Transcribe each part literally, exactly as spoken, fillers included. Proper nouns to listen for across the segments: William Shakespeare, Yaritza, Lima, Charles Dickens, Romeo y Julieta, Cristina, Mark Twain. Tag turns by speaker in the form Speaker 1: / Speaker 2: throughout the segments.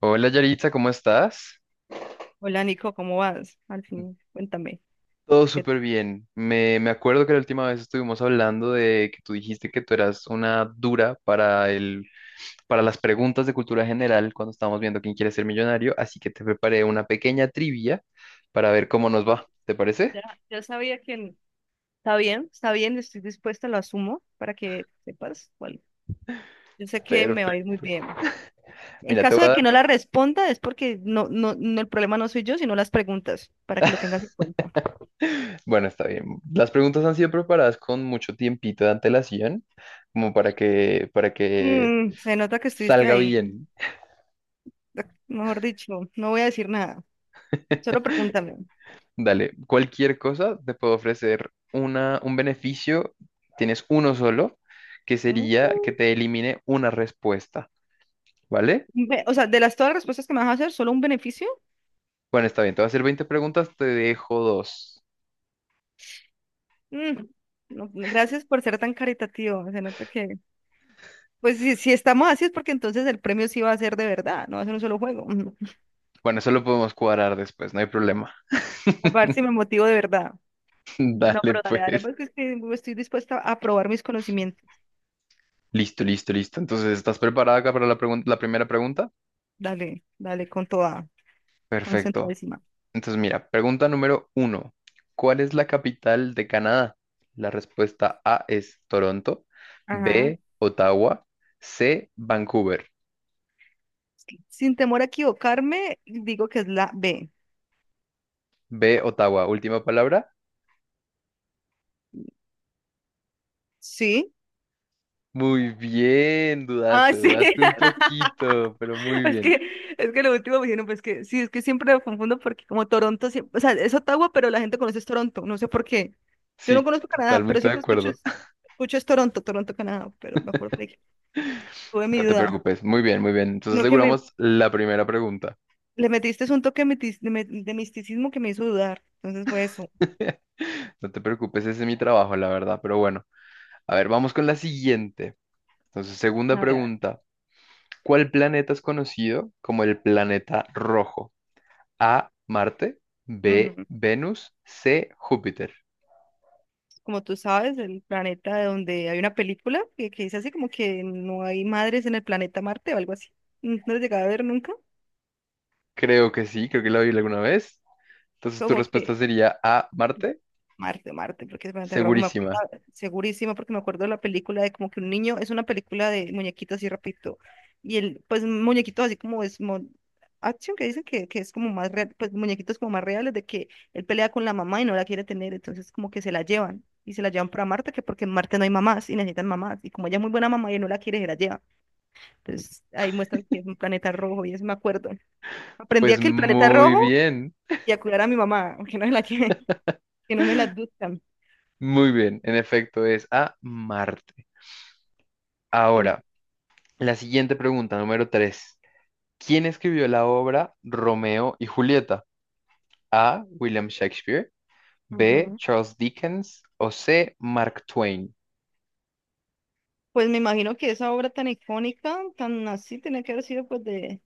Speaker 1: Hola Yaritza, ¿cómo estás?
Speaker 2: Hola Nico, ¿cómo vas? Al fin, cuéntame.
Speaker 1: Todo
Speaker 2: ¿qué-
Speaker 1: súper bien. Me, me acuerdo que la última vez estuvimos hablando de que tú dijiste que tú eras una dura para el, para las preguntas de cultura general cuando estábamos viendo quién quiere ser millonario, así que te preparé una pequeña trivia para ver cómo nos va. ¿Te parece?
Speaker 2: Ya, ya sabía que está bien, está bien, estoy dispuesta, lo asumo para que sepas. Bueno, yo sé que me va a ir
Speaker 1: Perfecto.
Speaker 2: muy bien. En
Speaker 1: Mira, te
Speaker 2: caso
Speaker 1: voy a
Speaker 2: de
Speaker 1: dar.
Speaker 2: que no la responda, es porque no, no, no, el problema no soy yo, sino las preguntas, para que lo tengas en cuenta.
Speaker 1: Bueno, está bien. Las preguntas han sido preparadas con mucho tiempito de antelación, como para que, para que
Speaker 2: Mm, se nota que estuviste
Speaker 1: salga
Speaker 2: ahí.
Speaker 1: bien.
Speaker 2: Ac- mejor dicho, no voy a decir nada, solo pregúntame.
Speaker 1: Dale, cualquier cosa te puedo ofrecer una, un beneficio, tienes uno solo, que
Speaker 2: Mm,
Speaker 1: sería que te elimine una respuesta, ¿vale?
Speaker 2: ve- O sea, de las todas las respuestas que me vas a hacer, ¿solo un beneficio?
Speaker 1: Bueno, está bien, te voy a hacer veinte preguntas, te dejo dos.
Speaker 2: Mm, no, gracias por ser tan caritativo, se nota que. Pues si, si estamos así es porque entonces el premio sí va a ser de verdad, no va a ser un solo juego.
Speaker 1: Bueno, eso lo podemos cuadrar después, no hay problema.
Speaker 2: A ver si me motivo de verdad. No,
Speaker 1: Dale,
Speaker 2: pero dale, dale,
Speaker 1: pues.
Speaker 2: porque es que estoy dispuesta a probar mis conocimientos.
Speaker 1: Listo, listo, listo. Entonces, ¿estás preparada acá para la pregun- la primera pregunta?
Speaker 2: Dale, dale, con toda,
Speaker 1: Perfecto.
Speaker 2: concentradísima.
Speaker 1: Entonces, mira, pregunta número uno. ¿Cuál es la capital de Canadá? La respuesta A es Toronto,
Speaker 2: Ajá.
Speaker 1: B, Ottawa, C, Vancouver.
Speaker 2: Sin temor a equivocarme, digo que es la B.
Speaker 1: B, Ottawa. Última palabra.
Speaker 2: ¿Sí?
Speaker 1: Muy bien,
Speaker 2: Ah,
Speaker 1: dudaste,
Speaker 2: sí.
Speaker 1: dudaste un poquito, pero muy
Speaker 2: Es que,
Speaker 1: bien.
Speaker 2: es que lo último me dijeron, pues que sí, es que siempre lo confundo porque como Toronto, siempre, o sea, es Ottawa, pero la gente conoce es Toronto, no sé por qué. Yo no
Speaker 1: Sí,
Speaker 2: conozco Canadá, pero
Speaker 1: totalmente de
Speaker 2: siempre escucho,
Speaker 1: acuerdo.
Speaker 2: es- escucho es Toronto, Toronto, Canadá, pero me acuerdo que tuve mi
Speaker 1: No te
Speaker 2: duda.
Speaker 1: preocupes. Muy bien, muy bien. Entonces
Speaker 2: No que me,
Speaker 1: aseguramos la primera pregunta.
Speaker 2: le metiste es un toque mitis- de, me- de misticismo que me hizo dudar, entonces fue eso.
Speaker 1: No te preocupes, ese es mi trabajo, la verdad, pero bueno. A ver, vamos con la siguiente. Entonces, segunda
Speaker 2: A ver, a
Speaker 1: pregunta. ¿Cuál planeta es conocido como el planeta rojo? A, Marte,
Speaker 2: ver.
Speaker 1: B,
Speaker 2: Ujú.
Speaker 1: Venus, C, Júpiter.
Speaker 2: Como tú sabes, el planeta donde hay una película que, que dice así como que no hay madres en el planeta Marte o algo así. ¿No lo llegaba a ver nunca?
Speaker 1: Creo que sí, creo que lo vi alguna vez. Entonces tu
Speaker 2: Como
Speaker 1: respuesta
Speaker 2: que.
Speaker 1: sería A, Marte,
Speaker 2: Marte, Marte, porque el planeta rojo me
Speaker 1: segurísima.
Speaker 2: acuerdo segurísimo, porque me acuerdo de la película de como que un niño, es una película de muñequitos así rapidito, y el, pues muñequitos así como es mo- action, que dicen que, que es como más real, pues muñequitos como más reales, de que él pelea con la mamá y no la quiere tener, entonces como que se la llevan, y se la llevan para Marte, que porque en Marte no hay mamás, y necesitan mamás, y como ella es muy buena mamá y él no la quiere, se la lleva, entonces ahí muestran que es un planeta rojo, y eso me acuerdo. Aprendí a
Speaker 1: Pues
Speaker 2: que el planeta
Speaker 1: muy
Speaker 2: rojo,
Speaker 1: bien,
Speaker 2: y a cuidar a mi mamá, aunque no es la que, que no me la adoptan.
Speaker 1: muy bien. En efecto es A, Marte.
Speaker 2: Sí.
Speaker 1: Ahora, la siguiente pregunta, número tres. ¿Quién escribió la obra Romeo y Julieta? A, William Shakespeare, B,
Speaker 2: Ujú.
Speaker 1: Charles Dickens o C, Mark Twain.
Speaker 2: Pues me imagino que esa obra tan icónica, tan así, tenía que haber sido pues de,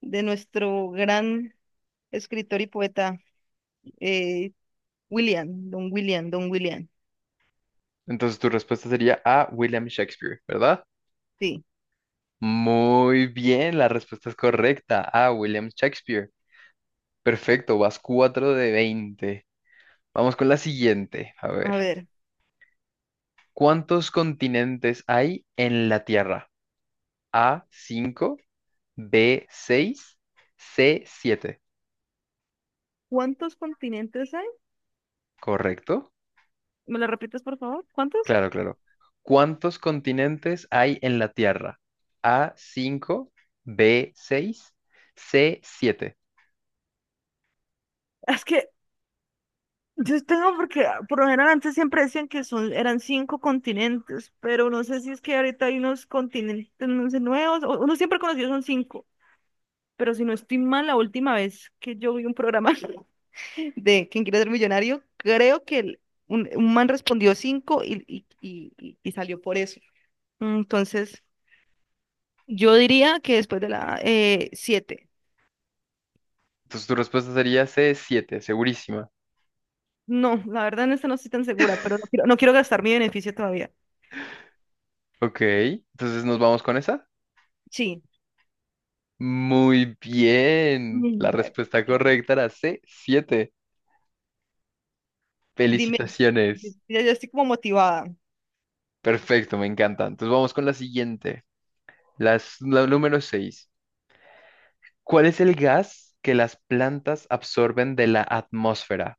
Speaker 2: de nuestro gran escritor y poeta, eh, William, Don William, Don William.
Speaker 1: Entonces tu respuesta sería A, William Shakespeare, ¿verdad?
Speaker 2: Sí.
Speaker 1: Muy bien, la respuesta es correcta. A, William Shakespeare. Perfecto, vas cuatro de veinte. Vamos con la siguiente. A
Speaker 2: A
Speaker 1: ver,
Speaker 2: ver,
Speaker 1: ¿cuántos continentes hay en la Tierra? A, cinco, B, seis, C, siete.
Speaker 2: ¿cuántos continentes hay?
Speaker 1: ¿Correcto?
Speaker 2: ¿Me lo repites, por favor? ¿Cuántos?
Speaker 1: Claro, claro. ¿Cuántos continentes hay en la Tierra? A, cinco, B, seis, C, siete.
Speaker 2: Es que yo tengo porque ah, por lo general antes siempre decían que son, eran cinco continentes, pero no sé si es que ahorita hay unos continentes, no sé, nuevos, o- uno siempre conocido son cinco, pero si no estoy mal, la última vez que yo vi un programa de ¿Quién quiere ser millonario? Creo que el- un, un man respondió cinco y, y- y- y- y salió por eso. Entonces, yo diría que después de la eh, siete.
Speaker 1: Entonces tu respuesta sería c siete segurísima.
Speaker 2: No, la verdad en esta no estoy tan segura, pero no quiero, no quiero gastar mi beneficio todavía.
Speaker 1: Ok, entonces nos vamos con esa.
Speaker 2: Sí.
Speaker 1: Muy bien. La
Speaker 2: Mm, bueno,
Speaker 1: respuesta
Speaker 2: ya.
Speaker 1: correcta era c siete.
Speaker 2: Dime, di-
Speaker 1: Felicitaciones.
Speaker 2: ya ya estoy como motivada.
Speaker 1: Perfecto, me encanta. Entonces vamos con la siguiente. Las, la número seis. ¿Cuál es el gas que las plantas absorben de la atmósfera?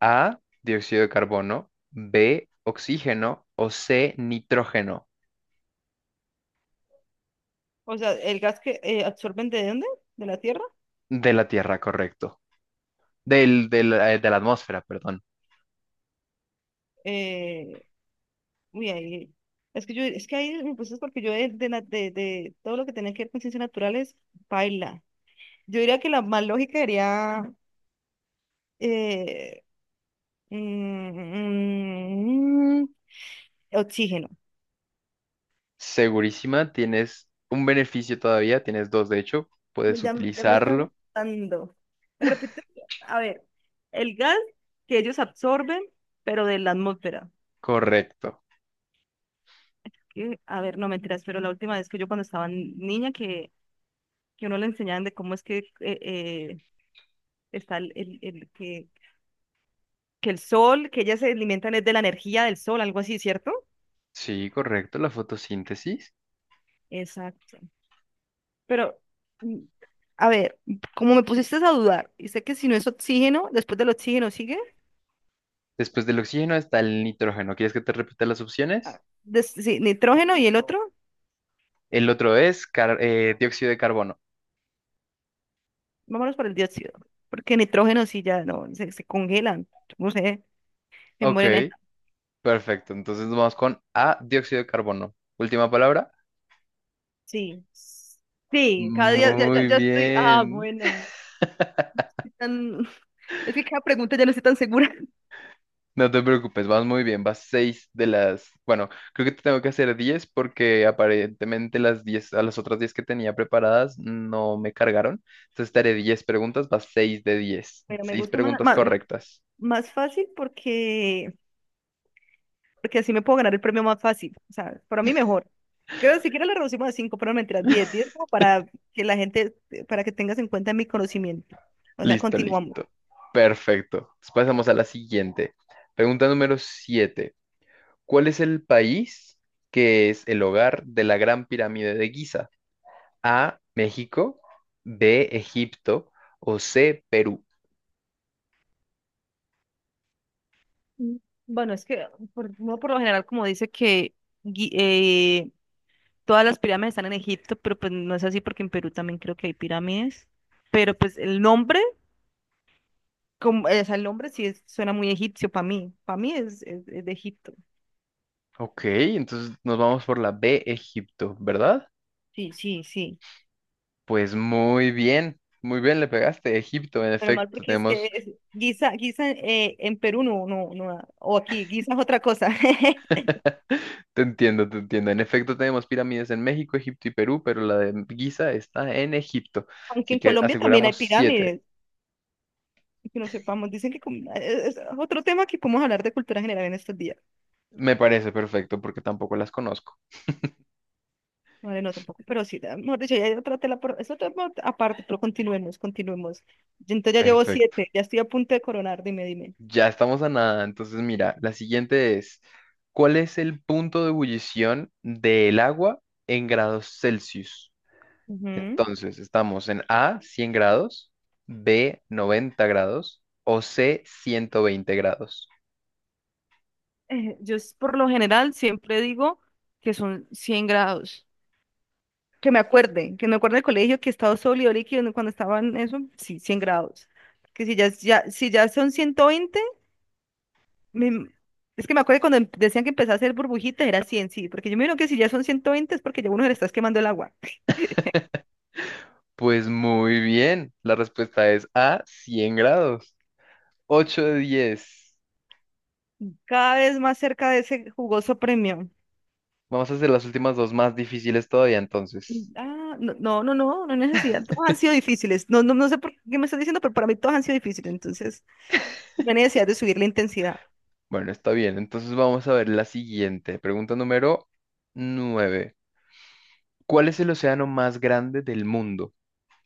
Speaker 1: A, dióxido de carbono, B, oxígeno o C, nitrógeno.
Speaker 2: ¿O sea, el gas que eh, absorben de dónde? ¿De la tierra?
Speaker 1: De la Tierra, correcto. Del, del- eh, de la atmósfera, perdón.
Speaker 2: Eh, uy, ahí. Es que yo, es que ahí me puse porque yo de, de, la- de, de todo lo que tenía que ver con ciencias naturales, baila. Yo diría que la más lógica sería eh, mm, mm, oxígeno.
Speaker 1: Segurísima, tienes un beneficio todavía, tienes dos de hecho, puedes
Speaker 2: Ya, me- ya me estás
Speaker 1: utilizarlo.
Speaker 2: dando. Me repito, a ver, el gas que ellos absorben, pero de la atmósfera.
Speaker 1: Correcto.
Speaker 2: que- A ver, no mentiras, pero la última vez que yo cuando estaba niña que, que uno le enseñaban de cómo es que eh, eh, está el, el- el que, que el sol, que ellas se alimentan es de la energía del sol, algo así, ¿cierto?
Speaker 1: Sí, correcto, la fotosíntesis.
Speaker 2: Exacto. Pero, mm, a ver, como me pusiste a dudar, y sé que si no es oxígeno, después del oxígeno sigue.
Speaker 1: Después del oxígeno está el nitrógeno. ¿Quieres que te repita las opciones?
Speaker 2: Ah, des- sí, nitrógeno y el otro,
Speaker 1: El otro es car- eh, dióxido de carbono.
Speaker 2: vámonos por el dióxido, porque nitrógeno sí ya no, se, se congelan, no sé, se
Speaker 1: Ok,
Speaker 2: mueren. eh.
Speaker 1: perfecto. Entonces vamos con A, dióxido de carbono. Última palabra.
Speaker 2: Sí, sí, cada día ya, ya,
Speaker 1: Muy
Speaker 2: ya estoy, ah,
Speaker 1: bien.
Speaker 2: bueno, estoy tan- es que cada pregunta ya no estoy tan segura,
Speaker 1: No te preocupes, vas muy bien, vas seis de las, bueno, creo que te tengo que hacer diez porque aparentemente las diez a las otras diez que tenía preparadas no me cargaron. Entonces te haré diez preguntas, vas seis de diez
Speaker 2: pero me
Speaker 1: seis
Speaker 2: gusta más,
Speaker 1: preguntas
Speaker 2: más,
Speaker 1: correctas.
Speaker 2: más fácil porque porque así me puedo ganar el premio más fácil, o sea, para mí mejor. Creo que siquiera le reducimos a cinco pero no mentiras, diez diez como para que la gente, para que tengas en cuenta mi conocimiento. O sea,
Speaker 1: Listo,
Speaker 2: continuamos.
Speaker 1: listo. Perfecto. Pues pasamos a la siguiente. Pregunta número siete. ¿Cuál es el país que es el hogar de la Gran Pirámide de Giza? A, México, B, Egipto o C, Perú.
Speaker 2: Mm, bueno, es que por, uno por lo general como dice que gui- eh, todas las pirámides están en Egipto, pero pues no es así porque en Perú también creo que hay pirámides. Pero pues el nombre, como, eh, o sea, el nombre sí es- suena muy egipcio para mí. Para mí es, es- es de Egipto.
Speaker 1: Ok, entonces nos vamos por la B, Egipto, ¿verdad?
Speaker 2: Sí, sí, sí.
Speaker 1: Pues muy bien, muy bien le pegaste, Egipto, en
Speaker 2: Menos mal
Speaker 1: efecto,
Speaker 2: porque es que
Speaker 1: tenemos.
Speaker 2: es- guisa, guisa eh, en Perú no, no, no, o aquí, guisa es otra cosa.
Speaker 1: Te entiendo, te entiendo, en efecto tenemos pirámides en México, Egipto y Perú, pero la de Giza está en Egipto,
Speaker 2: Aunque
Speaker 1: así
Speaker 2: en
Speaker 1: que
Speaker 2: Colombia también hay
Speaker 1: aseguramos siete.
Speaker 2: pirámides, que no sepamos, dicen que com- es es otro tema que podemos hablar de cultura general en estos días.
Speaker 1: Me parece perfecto porque tampoco las conozco.
Speaker 2: Vale, no tampoco, pero sí, da- mejor dicho, ya hay otra tela, por, es otro tema aparte, pero continuemos, continuemos. Yo entonces ya llevo
Speaker 1: Perfecto,
Speaker 2: siete, ya estoy a punto de coronar, dime, dime.
Speaker 1: ya estamos a nada, entonces mira, la siguiente es, ¿cuál es el punto de ebullición del agua en grados Celsius?
Speaker 2: Ujú.
Speaker 1: Entonces, estamos en A, cien grados, B, noventa grados o C, ciento veinte grados.
Speaker 2: Eh, yo s- por lo general siempre digo que son cien grados. Que me acuerde, que me acuerde del colegio que estado sólido líquido ¿no? Cuando estaban eso, sí, cien grados. Que si ya, es- ya, si ya son ciento veinte, me- es que me acuerdo cuando em- decían que empezaba a hacer burbujitas, era cien, sí, porque yo me imagino que si ya son ciento veinte es porque ya uno se le está quemando el agua.
Speaker 1: Pues muy bien, la respuesta es A, cien grados. Ocho de diez.
Speaker 2: Cada vez más cerca de ese jugoso premio.
Speaker 1: Vamos a hacer las últimas dos más difíciles todavía entonces.
Speaker 2: Ah, no, no, no, no, no hay necesidad. Todos han sido difíciles. No, no, no sé por qué me estás diciendo, pero para mí todos han sido difíciles. Entonces, no hay necesidad de subir la intensidad.
Speaker 1: Bueno, está bien. Entonces vamos a ver la siguiente. Pregunta número nueve. ¿Cuál es el océano más grande del mundo?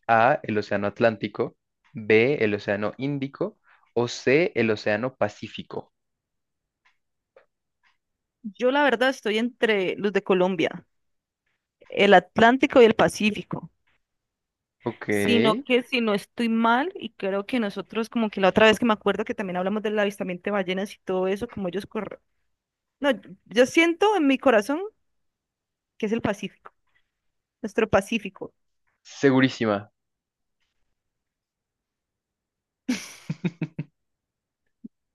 Speaker 1: A, el océano Atlántico, B, el océano Índico o C, el océano Pacífico.
Speaker 2: Yo la verdad estoy entre los de Colombia, el Atlántico y el Pacífico.
Speaker 1: Ok.
Speaker 2: Sino que si no estoy mal, y creo que nosotros, como que la otra vez que me acuerdo que también hablamos del avistamiento de ballenas y todo eso, como ellos corren. No, yo yo siento en mi corazón que es el Pacífico, nuestro Pacífico.
Speaker 1: Segurísima.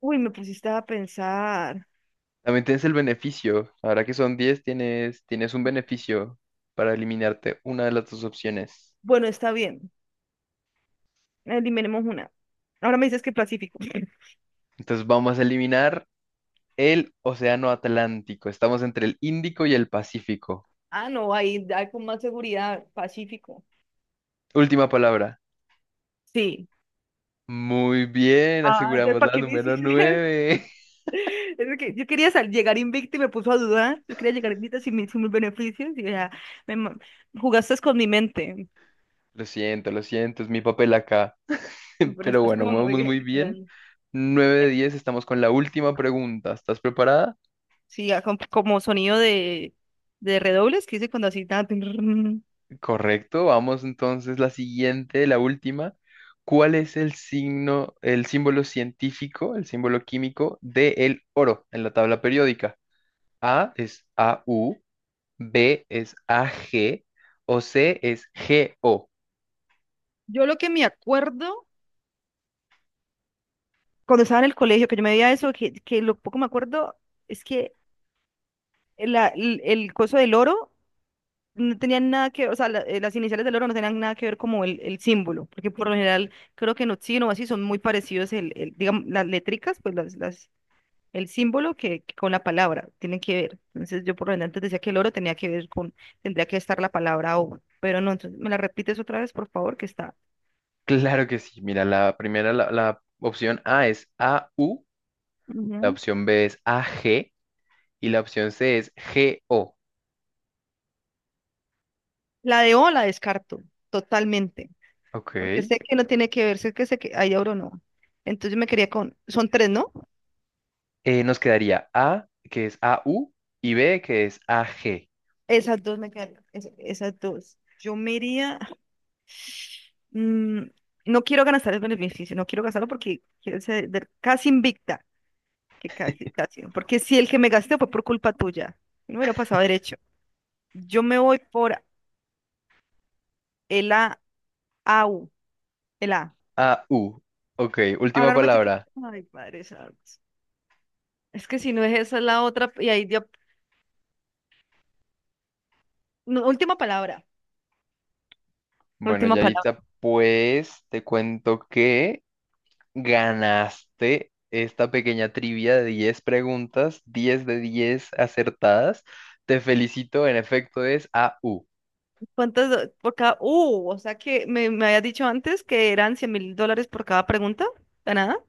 Speaker 2: Uy, me pusiste a pensar.
Speaker 1: También tienes el beneficio. Ahora que son diez, tienes, tienes un beneficio para eliminarte una de las dos opciones.
Speaker 2: Bueno, está bien, eliminemos una. Ahora me dices que Pacífico.
Speaker 1: Entonces vamos a eliminar el Océano Atlántico. Estamos entre el Índico y el Pacífico.
Speaker 2: Ah, no, ahí hay con más seguridad, Pacífico.
Speaker 1: Última palabra.
Speaker 2: Sí.
Speaker 1: Muy bien,
Speaker 2: Ah, entonces,
Speaker 1: aseguramos
Speaker 2: ¿para
Speaker 1: la
Speaker 2: qué me
Speaker 1: número
Speaker 2: hiciste?
Speaker 1: nueve.
Speaker 2: Es que yo quería sal- llegar invicta y me puso a dudar. Yo quería llegar invicta sin, mi- sin mis beneficios y ya me ma- jugaste con mi mente.
Speaker 1: Lo siento, lo siento, es mi papel acá.
Speaker 2: No, pero
Speaker 1: Pero
Speaker 2: estás
Speaker 1: bueno,
Speaker 2: como muy
Speaker 1: vamos
Speaker 2: bien,
Speaker 1: muy bien.
Speaker 2: literal.
Speaker 1: Nueve de diez, estamos con la última pregunta. ¿Estás preparada?
Speaker 2: Sí, ya com- como sonido de, de redobles que hice cuando así. Tan, tin, rin.
Speaker 1: Correcto, vamos entonces la siguiente, la última. ¿Cuál es el signo, el símbolo científico, el símbolo químico del oro en la tabla periódica? A es A U, B es A G o C es G O.
Speaker 2: Yo lo que me acuerdo cuando estaba en el colegio, que yo me veía eso, que, que lo poco me acuerdo es que la- el, el coso del oro no tenían nada que ver, o sea, la- eh, las iniciales del oro no tenían nada que ver como el, el símbolo, porque por lo general creo que en oxígeno o así son muy parecidos, el, el, digamos, las létricas, pues las, las, el símbolo que, que con la palabra tienen que ver. Entonces yo por lo general antes decía que el oro tenía que ver con, tendría que estar la palabra O, pero no, entonces me la repites otra vez, por favor, que está.
Speaker 1: Claro que sí, mira, la primera, la, la opción A es A U, la
Speaker 2: Ujú.
Speaker 1: opción B es A G y la opción C es G O.
Speaker 2: La de O la descarto totalmente,
Speaker 1: Ok,
Speaker 2: porque sé que no tiene que ver, sé que, sé que hay oro no. Entonces me quería con, son tres, ¿no?
Speaker 1: Eh, nos quedaría A que es A U y B que es A G.
Speaker 2: Esas dos me quedan, es- esas dos. Yo me iría, mm, no quiero gastar el beneficio, no quiero gastarlo porque quiero ser de- casi invicta, que casi, casi, porque si el que me gasté fue por culpa tuya, no hubiera pasado derecho. Yo me voy por el A, AU, el A.
Speaker 1: A, U. Ok,
Speaker 2: Ahora
Speaker 1: última
Speaker 2: no me dice que,
Speaker 1: palabra.
Speaker 2: ay, padre, santo. Es que si no es esa es la otra, y ahí dio, no, última palabra,
Speaker 1: Bueno,
Speaker 2: última palabra.
Speaker 1: Yaritza, pues te cuento que ganaste esta pequeña trivia de diez preguntas, diez de diez acertadas. Te felicito, en efecto es A, U.
Speaker 2: ¿Cuántas, do- por cada, uh, o sea que me, me habías dicho antes que eran cien mil dólares por cada pregunta, ganada?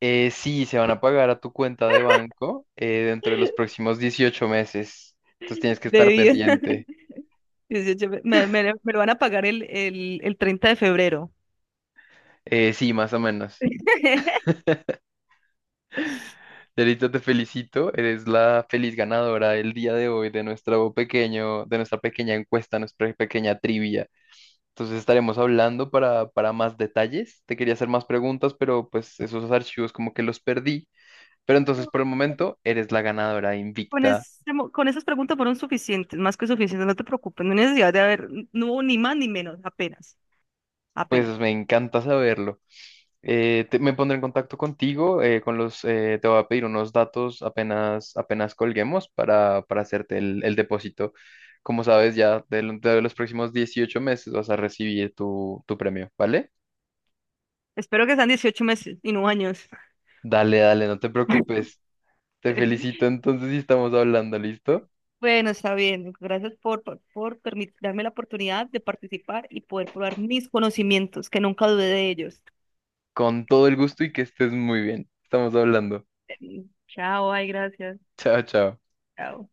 Speaker 1: Eh, sí, se van a pagar a tu cuenta de banco eh, dentro de los próximos dieciocho meses. Entonces tienes que
Speaker 2: De
Speaker 1: estar
Speaker 2: diez
Speaker 1: pendiente.
Speaker 2: dieciocho me, me- me lo van a pagar el, el, el treinta de febrero.
Speaker 1: Eh, sí, más o menos. Yarita, te felicito. Eres la feliz ganadora del día de hoy de nuestro pequeño, de nuestra pequeña encuesta, nuestra pequeña trivia. Entonces estaremos hablando para, para más detalles. Te quería hacer más preguntas, pero pues esos archivos como que los perdí. Pero entonces por el momento eres la ganadora
Speaker 2: Con,
Speaker 1: invicta.
Speaker 2: ese mo- con esas preguntas fueron suficientes, más que suficientes, no te preocupes, no hay necesidad de haber, no hubo ni más ni menos, apenas,
Speaker 1: Pues
Speaker 2: apenas.
Speaker 1: me encanta saberlo. Eh, te- me pondré en contacto contigo, eh, con los, eh, te voy a pedir unos datos apenas, apenas colguemos para, para hacerte el, el depósito. Como sabes, ya de, lo- de los próximos dieciocho meses vas a recibir tu, tu premio, ¿vale?
Speaker 2: Espero que sean dieciocho meses y no años.
Speaker 1: Dale, dale, no te preocupes. Te felicito entonces y estamos hablando, ¿listo?
Speaker 2: Bueno, está bien, gracias por, por, por permit- darme la oportunidad de participar y poder probar mis conocimientos, que nunca dudé de ellos.
Speaker 1: Con todo el gusto y que estés muy bien. Estamos hablando.
Speaker 2: Em, Chao, ay, gracias.
Speaker 1: Chao, chao.
Speaker 2: Chao.